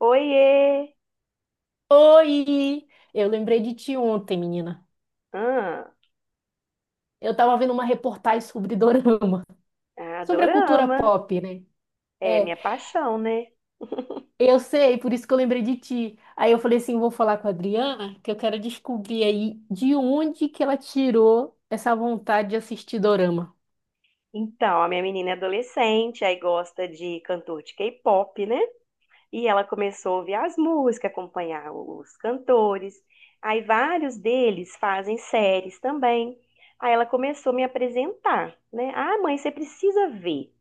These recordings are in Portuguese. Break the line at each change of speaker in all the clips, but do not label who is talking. Oiê!
Oi! Eu lembrei de ti ontem, menina.
Ah,
Eu tava vendo uma reportagem sobre dorama, sobre a cultura
adorama.
pop, né?
É
É,
minha paixão, né?
eu sei, por isso que eu lembrei de ti. Aí eu falei assim, vou falar com a Adriana, que eu quero descobrir aí de onde que ela tirou essa vontade de assistir dorama.
Então, a minha menina é adolescente, aí gosta de cantor de K-pop, né? E ela começou a ouvir as músicas, acompanhar os cantores. Aí vários deles fazem séries também. Aí ela começou a me apresentar, né? Ah, mãe, você precisa ver.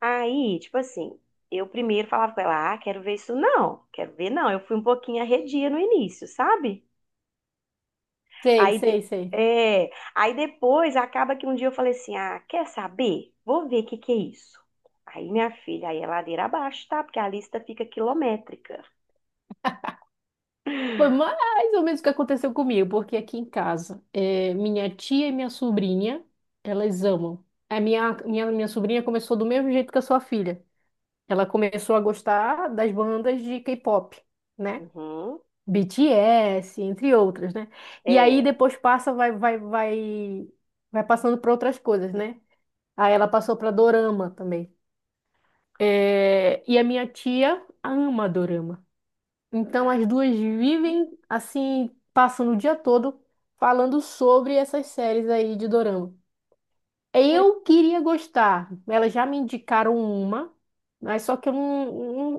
Aí, tipo assim, eu primeiro falava com ela, ah, quero ver isso não, quero ver não. Eu fui um pouquinho arredia no início, sabe?
Sei,
Aí, de-
sei, sei.
é, aí depois acaba que um dia eu falei assim: ah, quer saber? Vou ver o que que é isso. Aí, minha filha, aí é ladeira abaixo, tá? Porque a lista fica quilométrica.
Foi mais ou menos o que aconteceu comigo, porque aqui em casa, minha tia e minha sobrinha, elas amam. A minha sobrinha começou do mesmo jeito que a sua filha. Ela começou a gostar das bandas de K-pop, né?
Uhum.
BTS, entre outras, né? E aí
É.
depois passa, vai passando para outras coisas, né? Aí ela passou para dorama também. É, e a minha tia ama dorama. Então as duas
E
vivem assim, passando o dia todo falando sobre essas séries aí de dorama.
foi-
Eu queria gostar. Elas já me indicaram uma, mas só que eu não,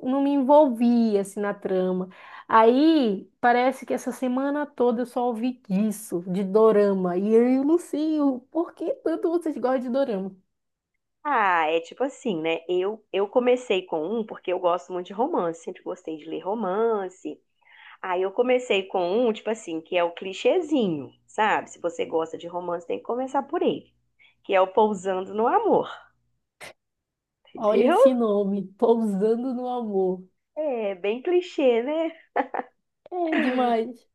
não, não me envolvi assim na trama. Aí parece que essa semana toda eu só ouvi disso, de dorama. E eu não sei o por que tanto vocês gostam de dorama.
Ah, é tipo assim, né? Eu comecei com um porque eu gosto muito de romance, sempre gostei de ler romance. Aí eu comecei com um, tipo assim, que é o clichêzinho, sabe? Se você gosta de romance, tem que começar por ele, que é o Pousando no Amor,
Olha
entendeu?
esse nome, Pousando no Amor.
É bem clichê, né?
É demais.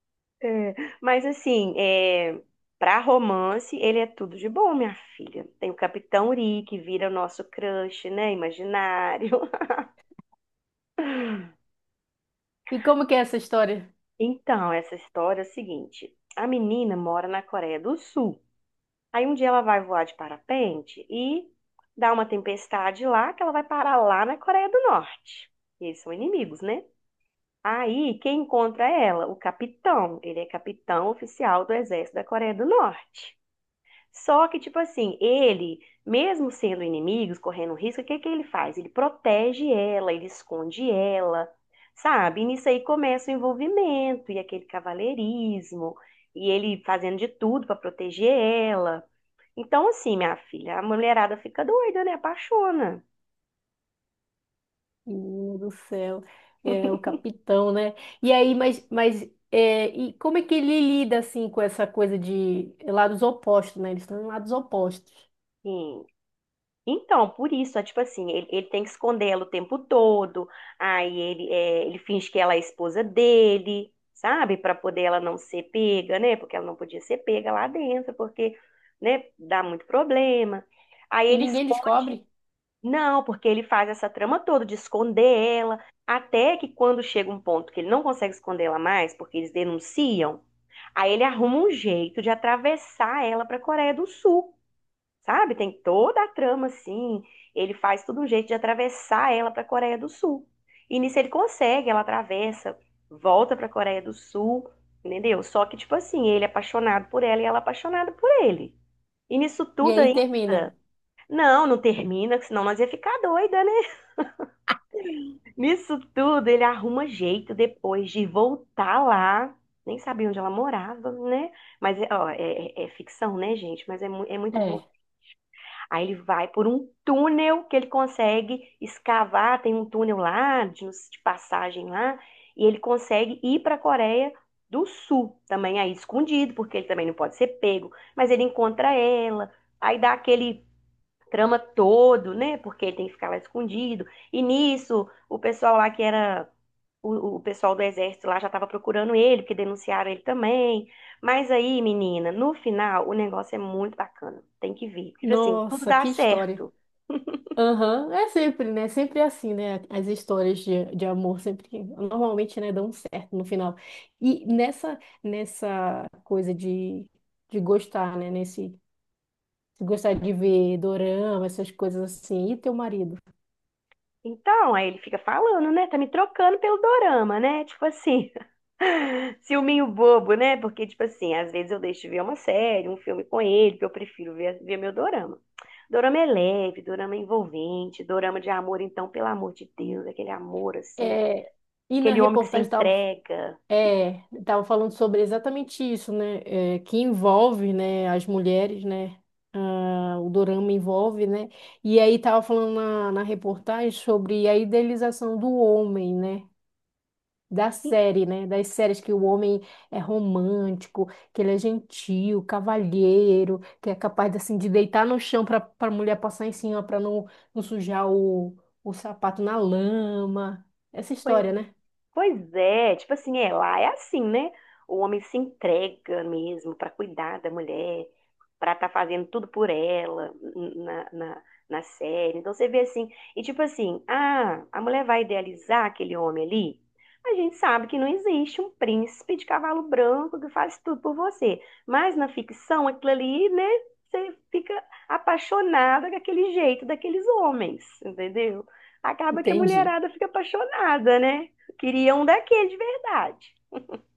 É, mas assim, é, para romance, ele é tudo de bom, minha filha. Tem o Capitão Uri, que vira o nosso crush, né? Imaginário.
E como que é essa história?
Então, essa história é o seguinte: a menina mora na Coreia do Sul. Aí um dia ela vai voar de parapente e dá uma tempestade lá, que ela vai parar lá na Coreia do Norte. E eles são inimigos, né? Aí, quem encontra ela? O capitão. Ele é capitão oficial do exército da Coreia do Norte. Só que, tipo assim, ele, mesmo sendo inimigos, correndo um risco, o que que ele faz? Ele protege ela, ele esconde ela, sabe? E nisso aí começa o envolvimento e aquele cavalheirismo, e ele fazendo de tudo pra proteger ela. Então, assim, minha filha, a mulherada fica doida, né? Apaixona.
Menino do céu, é o capitão, né? E aí,
É.
mas é, e como é que ele lida assim com essa coisa de lados opostos, né? Eles estão em lados opostos.
E Então, por isso, é tipo assim, ele tem que esconder ela o tempo todo, aí ele, é, ele finge que ela é a esposa dele, sabe? Pra poder ela não ser pega, né? Porque ela não podia ser pega lá dentro, porque, né, dá muito problema. Aí
E
ele
ninguém
esconde,
descobre.
não, porque ele faz essa trama toda de esconder ela, até que quando chega um ponto que ele não consegue esconder ela mais, porque eles denunciam, aí ele arruma um jeito de atravessar ela pra Coreia do Sul sabe? Tem toda a trama assim. Ele faz todo um jeito de atravessar ela para a Coreia do Sul. E nisso ele consegue, ela atravessa, volta para a Coreia do Sul, entendeu? Só que tipo assim, ele é apaixonado por ela e ela é apaixonada por ele. E nisso
E
tudo
aí termina.
ainda, não, não termina, que senão nós ia ficar doida, né? Nisso tudo ele arruma jeito depois de voltar lá. Nem sabia onde ela morava, né? Mas, ó, é, é ficção, né, gente? Mas é, é muito
É.
Aí ele vai por um túnel que ele consegue escavar, tem um túnel lá de passagem lá, e ele consegue ir para a Coreia do Sul, também aí escondido, porque ele também não pode ser pego, mas ele encontra ela, aí dá aquele trama todo, né? Porque ele tem que ficar lá escondido. E nisso, o pessoal lá que era o pessoal do exército lá já estava procurando ele, porque denunciaram ele também. Mas aí, menina, no final, o negócio é muito bacana. Tem que ver. Tipo assim, tudo
Nossa,
dá
que história.
certo.
Aham, é sempre, né? Sempre é assim, né? As histórias de amor sempre, normalmente, né, dão certo no final. E nessa coisa de gostar, né? Nesse se gostar de ver dorama, essas coisas assim. E teu marido?
Então, aí ele fica falando, né? Tá me trocando pelo dorama, né? Tipo assim, ciúminho bobo, né? Porque, tipo assim, às vezes eu deixo de ver uma série, um filme com ele, que eu prefiro ver meu dorama. Dorama é leve, dorama é envolvente, dorama de amor, então, pelo amor de Deus, aquele amor, assim,
É, e na
aquele homem que se
reportagem estava,
entrega.
é, tava falando sobre exatamente isso, né? É, que envolve, né, as mulheres, né? Ah, o dorama envolve, né? E aí tava falando na, na reportagem sobre a idealização do homem, né? Da
E,
série, né? Das séries que o homem é romântico, que ele é gentil, cavalheiro, que é capaz assim de deitar no chão para a mulher passar em cima para não, não sujar o sapato na lama. Essa
pois
história, né?
Pois é, tipo assim, é, lá é assim, né? O homem se entrega mesmo para cuidar da mulher, para estar fazendo tudo por ela na série. Então você vê assim, e tipo assim, ah, a mulher vai idealizar aquele homem ali? A gente sabe que não existe um príncipe de cavalo branco que faz tudo por você. Mas na ficção, aquilo ali, né? Você fica apaixonada com aquele jeito daqueles homens, entendeu? Acaba que a
Entendi.
mulherada fica apaixonada, né? Queria um daquele de verdade.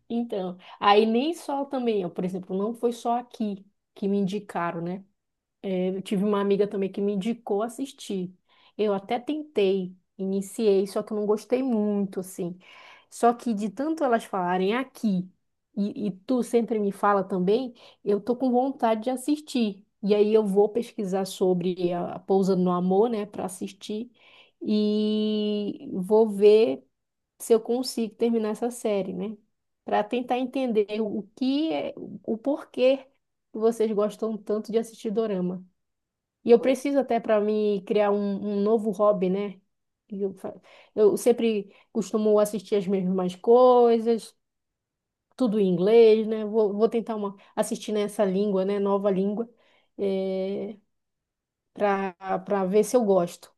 Então, aí nem só também, ó, por exemplo, não foi só aqui que me indicaram, né? Eu tive uma amiga também que me indicou assistir. Eu até tentei, iniciei, só que eu não gostei muito, assim. Só que de tanto elas falarem aqui, e tu sempre me fala também, eu tô com vontade de assistir. E aí eu vou pesquisar sobre a Pousa no Amor, né, para assistir. E vou ver se eu consigo terminar essa série, né? Para tentar entender o que é, o porquê que vocês gostam tanto de assistir dorama. E eu
Pois
preciso até para me criar um, um novo hobby, né? E Eu, fa- eu sempre costumo assistir as mesmas coisas, tudo em inglês, né? Vou tentar uma, assistir nessa língua, né? Nova língua, é, para para ver se eu gosto.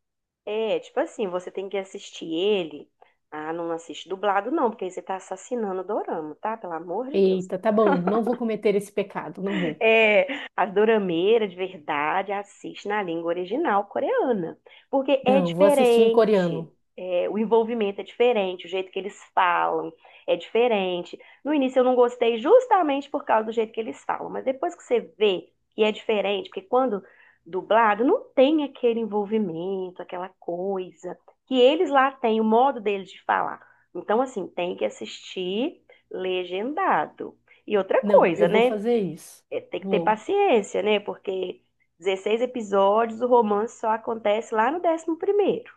é, tipo assim, você tem que assistir ele. Ah, não assiste dublado, não, porque aí você tá assassinando o dorama, tá? Pelo amor de Deus.
Eita, tá bom, não vou cometer esse pecado, não vou.
É, as dorameiras de verdade assiste na língua original coreana, porque é
Não, vou assistir em
diferente,
coreano.
é, o envolvimento é diferente, o jeito que eles falam é diferente. No início eu não gostei justamente por causa do jeito que eles falam, mas depois que você vê que é diferente, porque quando dublado não tem aquele envolvimento, aquela coisa que eles lá têm, o modo deles de falar. Então, assim, tem que assistir legendado. E outra
Não, eu
coisa,
vou
né?
fazer isso.
É, tem que ter
Vou.
paciência, né? Porque 16 episódios, o romance só acontece lá no 11º.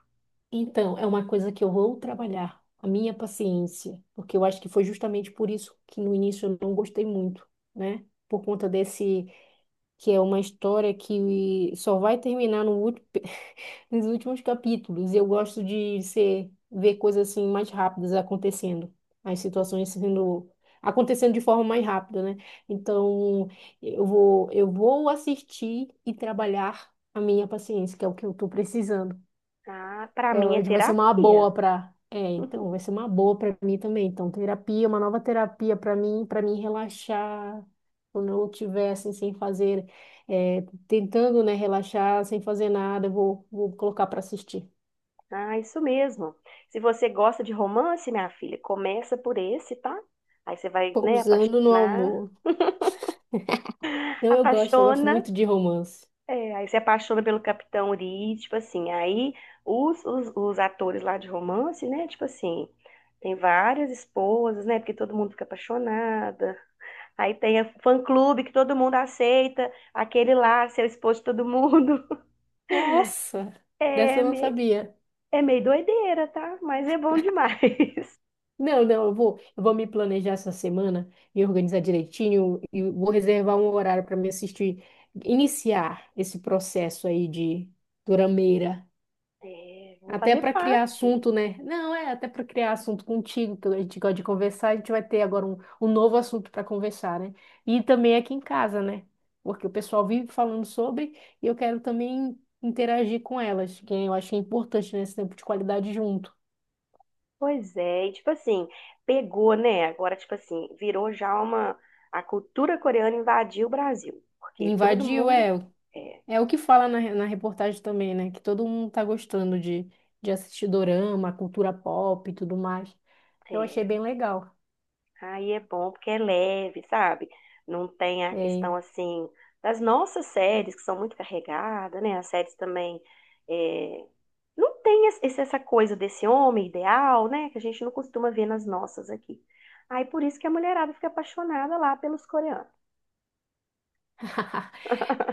Então, é uma coisa que eu vou trabalhar, a minha paciência, porque eu acho que foi justamente por isso que no início eu não gostei muito, né? Por conta desse, que é uma história que só vai terminar no ulti- nos últimos capítulos. Eu gosto de ser, ver coisas assim mais rápidas acontecendo, as situações sendo acontecendo de forma mais rápida, né? Então, eu vou assistir e trabalhar a minha paciência, que é o que eu estou precisando.
Ah, para
É,
mim é
hoje vai ser uma
terapia.
boa para. É, então, vai ser uma boa para mim também. Então, terapia, uma nova terapia para mim relaxar quando eu estiver assim, sem fazer, é, tentando, né, relaxar, sem fazer nada, eu vou, vou colocar para assistir.
Ah, isso mesmo. Se você gosta de romance, minha filha, começa por esse, tá? Aí você vai, né,
Pousando no
apaixonar,
amor. Então, eu gosto
apaixona,
muito de romance.
é, aí você apaixona pelo Capitão Uri, tipo assim, aí os atores lá de romance, né, tipo assim, tem várias esposas, né, porque todo mundo fica apaixonada. Aí tem a fã-clube que todo mundo aceita, aquele lá, seu esposo de todo mundo.
Nossa, dessa
É,
eu não
me-
sabia.
É meio doideira, tá? Mas é bom demais.
Não, não, Eu vou, eu vou me planejar essa semana, me organizar direitinho e vou reservar um horário para me assistir, iniciar esse processo aí de durameira,
É, vou
até
fazer
para criar
parte.
assunto, né? Não, é até para criar assunto contigo, que a gente gosta de conversar, a gente vai ter agora um, um novo assunto para conversar, né? E também aqui em casa, né? Porque o pessoal vive falando sobre e eu quero também interagir com elas, que eu acho que é importante nesse tempo de qualidade junto.
Pois é, e tipo assim, pegou, né? Agora, tipo assim, virou já uma. A cultura coreana invadiu o Brasil. Porque todo
Invadiu,
mundo.
é.
É,
É o que fala na, na reportagem também, né? Que todo mundo tá gostando de assistir dorama, cultura pop e tudo mais. Eu achei
é.
bem legal.
Aí é bom porque é leve, sabe? Não tem a
É.
questão assim das nossas séries, que são muito carregadas, né? As séries também. É, não tem essa coisa desse homem ideal, né? Que a gente não costuma ver nas nossas aqui. Aí por isso que a mulherada fica apaixonada lá pelos coreanos.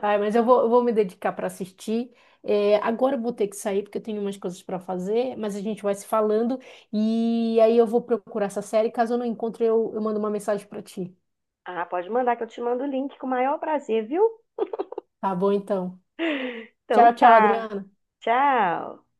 Ai, mas eu vou me dedicar para assistir. É, agora eu vou ter que sair porque eu tenho umas coisas para fazer, mas a gente vai se falando e aí eu vou procurar essa série. Caso eu não encontre, eu mando uma mensagem para ti.
Ah, pode mandar que eu te mando o link com o maior prazer, viu?
Tá bom, então.
Então
Tchau, tchau,
tá.
Adriana.
Tchau.